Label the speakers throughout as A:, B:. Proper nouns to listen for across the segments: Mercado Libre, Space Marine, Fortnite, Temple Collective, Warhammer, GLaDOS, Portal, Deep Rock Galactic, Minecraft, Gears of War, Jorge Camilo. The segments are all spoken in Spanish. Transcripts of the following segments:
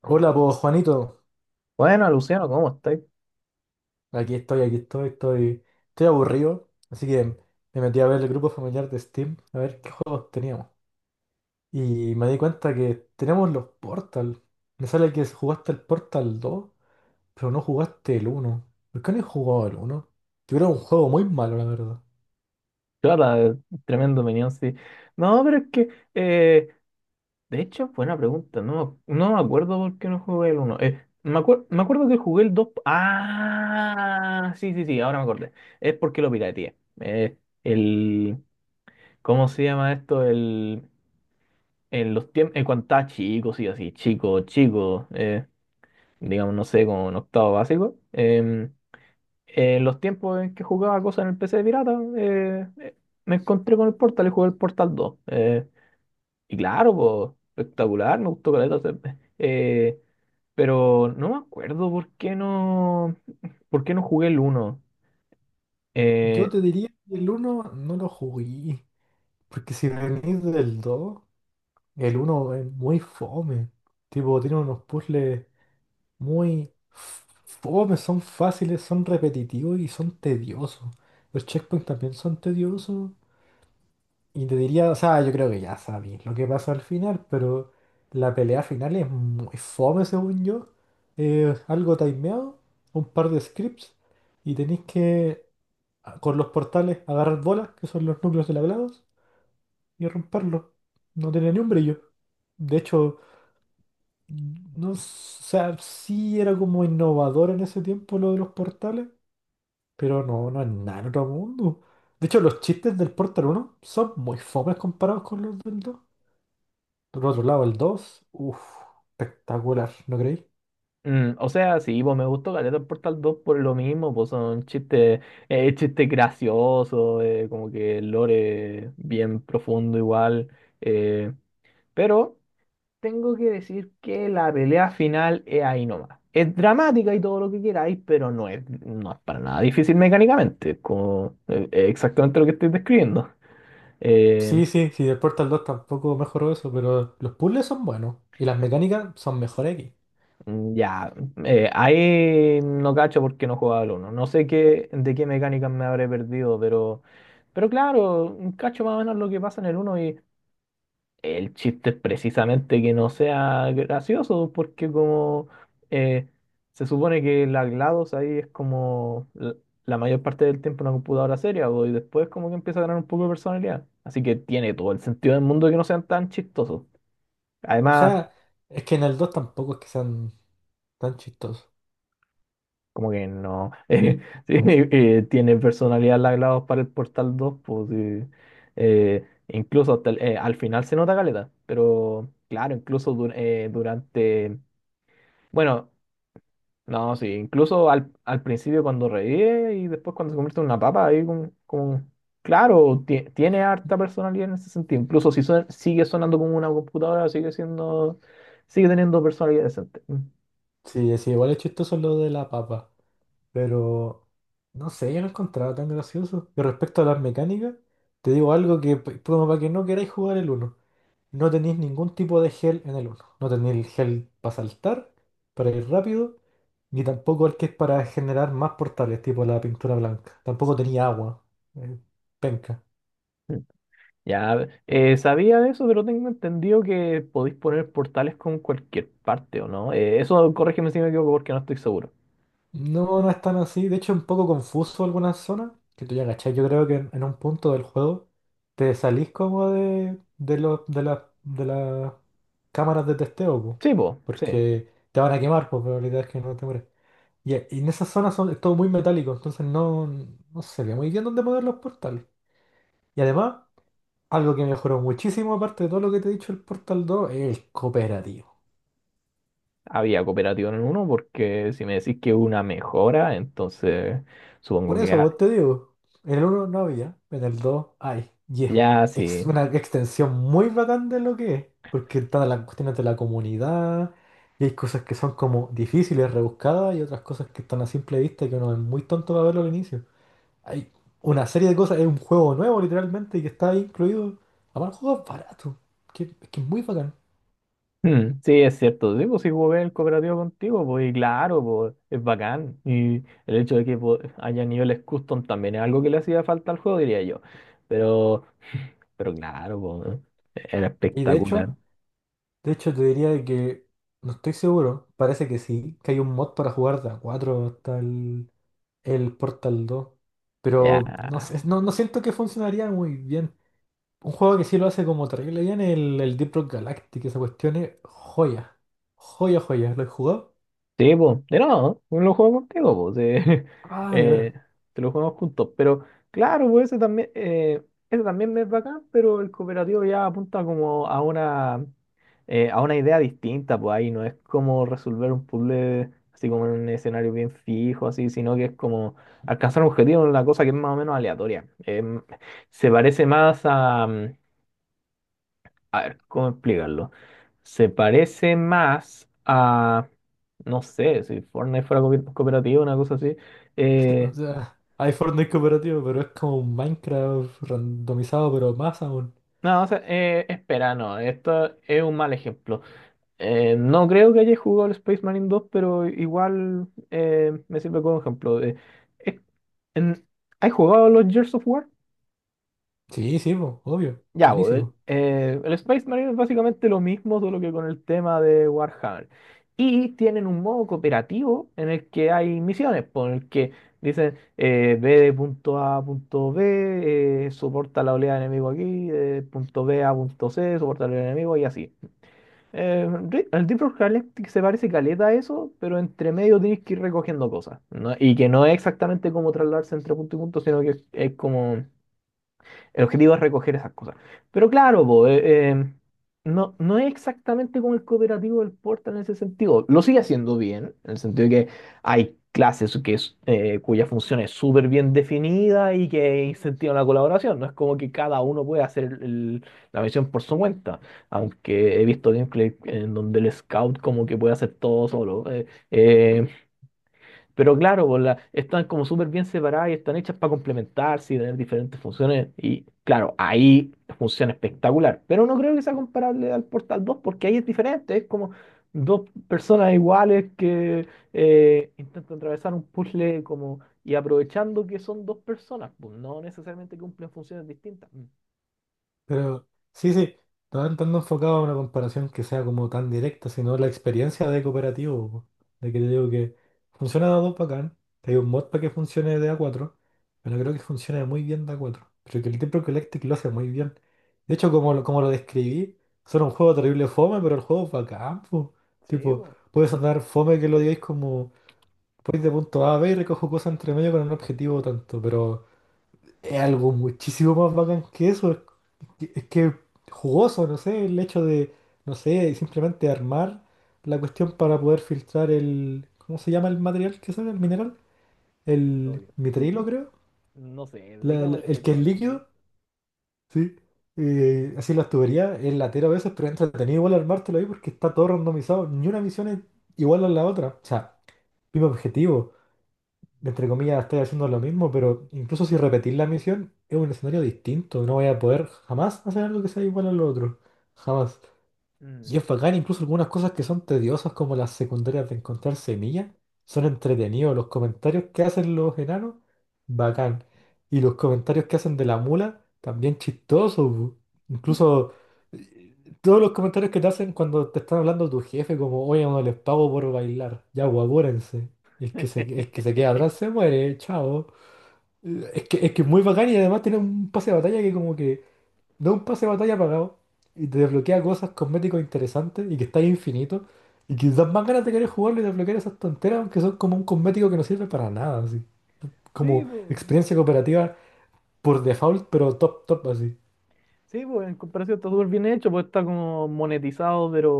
A: Hola, pues Juanito,
B: Bueno, Luciano, ¿cómo estáis?
A: aquí estoy, estoy aburrido, así que me metí a ver el grupo familiar de Steam, a ver qué juegos teníamos. Y me di cuenta que tenemos los Portal. Me sale que jugaste el Portal 2, pero no jugaste el uno. ¿Por qué no he jugado el uno? Yo creo un juego muy malo, la verdad.
B: Claro, tremendo opinión, sí. No, pero es que, eh, de hecho, buena pregunta. No, no me acuerdo por qué no jugué el 1. Me acuerdo que jugué el 2. Ah, sí, sí, sí, ahora me acordé. Es porque lo pirateé. El, ¿Cómo se llama esto? En los tiempos, en cuando estaba chico, sí, así, chico, chico, digamos, no sé, como en octavo básico. En los tiempos en que jugaba cosas en el PC de pirata, me encontré con el Portal y jugué el Portal dos. Y claro, po, espectacular, me gustó caleta. Eh, pero no me acuerdo por qué no jugué el uno.
A: Yo
B: Eh,
A: te diría que el uno no lo jugué, porque si venís del 2, el uno es muy fome. Tipo, tiene unos puzzles muy fome, son fáciles, son repetitivos y son tediosos. Los checkpoints también son tediosos. Y te diría, o sea, yo creo que ya sabéis lo que pasa al final, pero la pelea final es muy fome, según yo. Algo timeado, un par de scripts, y tenéis que, con los portales, agarrar bolas, que son los núcleos de la GLaDOS, y romperlos. No tiene ni un brillo. De hecho, no, o sea, sí era como innovador en ese tiempo lo de los portales, pero no es nada en otro mundo. De hecho, los chistes del Portal uno son muy fomes comparados con los del dos. Por otro lado, el dos, uff, espectacular, ¿no creéis?
B: mm, o sea, sí, pues me gustó caleta el Portal dos por lo mismo, pues son chistes, chistes graciosos, como que el lore bien profundo igual. eh, pero tengo que decir que la pelea final es ahí nomás. Es dramática y todo lo que queráis, pero no es para nada difícil mecánicamente. Es como, es exactamente lo que estoy describiendo. Eh,
A: Sí, sí, sí, el Portal dos tampoco mejoró eso, pero los puzzles son buenos y las mecánicas son mejores aquí.
B: ya, ahí no cacho porque no jugaba al uno. No sé qué, de qué mecánicas me habré perdido, pero claro, cacho más o menos lo que pasa en el uno. El chiste es precisamente que no sea gracioso, porque como eh, se supone que la GLaDOS ahí es como la mayor parte del tiempo una computadora seria, bo, y después como que empieza a ganar un poco de personalidad. Así que tiene todo el sentido del mundo que no sean tan chistosos.
A: O
B: Además,
A: sea, es que en el 2 tampoco es que sean tan chistosos.
B: como que no. Sí, tiene personalidad la GLaDOS para el Portal dos pues sí. Incluso hasta al final se nota caleta, pero claro, incluso durante... Bueno. No, sí, incluso al principio cuando revive y después cuando se convierte en una papa, ahí claro, tiene harta personalidad en ese sentido. Incluso si sigue sonando como una computadora, sigue teniendo personalidad decente. Mm.
A: Sí, sí, igual es chistoso lo de la papa. Pero no sé, yo no encontraba tan gracioso. Y respecto a las mecánicas, te digo algo que, como para que no queráis jugar el uno. No tenéis ningún tipo de gel en el uno. No tenéis el gel para saltar, para ir rápido, ni tampoco el que es para generar más portales, tipo la pintura blanca. Tampoco tenía agua. eh, Penca.
B: Mm. Ya, sabía de eso, pero tengo entendido que podéis poner portales con cualquier parte, ¿o no? Eso, corrígeme si me equivoco porque no estoy seguro.
A: No, no es tan así. De hecho, es un poco confuso algunas zonas. Que tú ya cachai. Yo creo que en un punto del juego te salís como de las cámaras de testeo, po,
B: Sí, pues, sí.
A: porque te van a quemar, pues probabilidad es que no te mueres. Y en esas zonas es todo muy metálico, entonces no se ve muy bien dónde poner los portales. Y además, algo que mejoró muchísimo, aparte de todo lo que te he dicho, el Portal dos es el cooperativo.
B: ¿Había cooperativa en el uno? Porque si me decís que una mejora, entonces supongo
A: Por
B: que...
A: eso
B: ha-
A: vos te digo, en el uno no había, en el 2 hay. Y es
B: Ya, sí.
A: una extensión muy bacán de lo que es, porque están las cuestiones de la comunidad, y hay cosas que son como difíciles, rebuscadas, y otras cosas que están a simple vista y que uno es muy tonto para verlo al inicio. Hay una serie de cosas, es un juego nuevo literalmente, y que está ahí incluido. Aparte, el juego es barato, es que es muy bacán.
B: Mm, sí, es cierto. Sí, pues si jugué el cooperativo contigo, pues y claro, pues es bacán. Y el hecho de que pues, haya niveles custom también es algo que le hacía falta al juego, diría yo. Pero, pero claro, pues, era
A: Y de hecho,
B: espectacular.
A: de hecho te diría de que, no estoy seguro, parece que sí, que hay un mod para jugar de a 4 hasta el Portal dos.
B: Ya.
A: Pero no sé, no siento que funcionaría muy bien. Un juego que sí lo hace como terrible bien, el Deep Rock Galactic, esa cuestión es joya. Joya, joya. ¿Lo he jugado?
B: Sí, pues, de ¿no? lo juego contigo, pues,
A: Ah, de veras.
B: eh, te lo jugamos juntos, pero claro, pues ese también me es bacán, pero el cooperativo ya apunta como a a una idea distinta, pues ahí no es como resolver un puzzle así como en un escenario bien fijo, así, sino que es como alcanzar un objetivo en una cosa que es más o menos aleatoria. Em, se parece más a, a ver, ¿cómo explicarlo? Se parece más a, no sé, si Fortnite fuera cooperativo, una cosa así.
A: O
B: Eh,
A: sea, hay Fortnite cooperativo, pero es como un Minecraft randomizado, pero más aún.
B: no, o sea, espera, no, esto es un mal ejemplo. No creo que haya jugado al Space Marine dos, pero igual me sirve como ejemplo. Eh, en- ¿Has jugado los Gears of War?
A: Sí, sí, po, obvio.
B: Ya, bo,
A: Buenísimo.
B: el Space Marine es básicamente lo mismo, solo que con el tema de Warhammer. Y tienen un modo cooperativo en el que hay misiones, po, en el que dicen ve de punto A a punto B, soporta la oleada de enemigo aquí, de punto B a punto C, soporta la oleada de enemigo y así. El Deep Rock Galactic se parece caleta a eso, pero entre medio tienes que ir recogiendo cosas, ¿no? Y que no es exactamente como trasladarse entre punto y punto, sino que es como. El objetivo es recoger esas cosas. Pero claro, po, no es exactamente como el cooperativo del Portal en ese sentido. Lo sigue haciendo bien, en el sentido de que hay clases que es, cuya función es súper bien definida y que incentivan la colaboración. No es como que cada uno puede hacer la misión por su cuenta, aunque he visto gameplay en donde el scout como que puede hacer todo solo. Eh, pero claro, pues, están como súper bien separadas y están hechas para complementarse y tener diferentes funciones. Y claro, ahí funciona espectacular. Pero no creo que sea comparable al Portal dos porque ahí es diferente. Es como dos personas iguales que intentan atravesar un puzzle como y aprovechando que son dos personas, pues no necesariamente cumplen funciones distintas.
A: Pero sí, sí, no tan enfocado a una comparación que sea como tan directa, sino la experiencia de cooperativo, po. De que te digo que funciona de a dos bacán, que hay un mod para que funcione de a cuatro, pero creo que funciona muy bien de a cuatro. Creo que el Temple Collective lo hace muy bien. De hecho, como, como lo describí, suena un juego terrible fome, pero el juego es bacán, po.
B: Sí,
A: Tipo,
B: pues,
A: puedes andar fome que lo digáis como voy de punto A a B y recojo cosas entre medio con un objetivo tanto, pero es algo muchísimo más bacán que eso. Es que jugoso, no sé, el hecho de, no sé, simplemente armar la cuestión para poder filtrar el, ¿cómo se llama el material que sale? El mineral, el
B: petróleo.
A: mitrilo, creo.
B: No sé,
A: La- la-
B: digámosle
A: el que es
B: petróleo. ¿Sí?
A: líquido, sí. Así las tuberías, es latero a veces, pero es entretenido igual armártelo ahí porque está todo randomizado, ni una misión es igual a la otra, o sea, mismo objetivo, entre comillas, estoy haciendo lo mismo, pero incluso si repetís la misión, es un escenario distinto, no voy a poder jamás hacer algo que sea igual al otro, jamás.
B: Mm.
A: Y es bacán, incluso algunas cosas que son tediosas, como las secundarias de encontrar semillas, son entretenidos. Los comentarios que hacen los enanos, bacán. Y los comentarios que hacen de la mula, también chistosos, bu. Incluso todos los comentarios que te hacen cuando te están hablando tu jefe, como, oye, no les pago por bailar, ya, guapúrense. El que se queda atrás se muere, chao. Es que es muy bacán y además tiene un pase de batalla que como que da un pase de batalla pagado y te desbloquea cosas, cosméticos interesantes y que está ahí infinito y que dan más ganas de querer jugarlo y desbloquear esas tonteras, aunque son como un cosmético que no sirve para nada, así.
B: Sí,
A: Como
B: pues.
A: experiencia cooperativa por default, pero top, top, así.
B: Sí, pues en comparación está súper bien hecho, pues está como monetizado, pero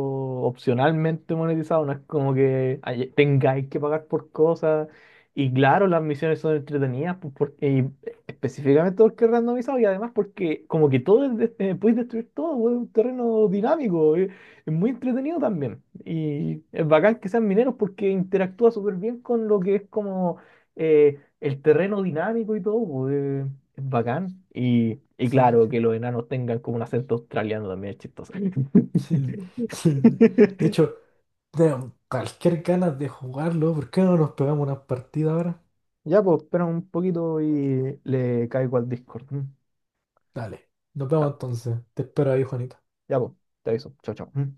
B: opcionalmente monetizado, no es como que tengáis que pagar por cosas. Y claro, las misiones son entretenidas, pues, porque, y específicamente porque es randomizado y además porque como que todo es podéis destruir todo, pues, es un terreno dinámico, muy entretenido también. Y es bacán que sean mineros porque interactúa súper bien con lo que es como eh, el terreno dinámico y todo, pues, es bacán. Y
A: Sí,
B: claro,
A: sí,
B: que los enanos tengan como un acento australiano también es chistoso.
A: sí, sí, sí. De hecho, tengo cualquier ganas de jugarlo, ¿por qué no nos pegamos una partida ahora?
B: Ya, pues, espera un poquito y le caigo al Discord. ¿M?
A: Dale, nos
B: Ya,
A: vemos entonces. Te espero ahí, Juanita.
B: ya, pues, te aviso. Chao, chao. ¿M?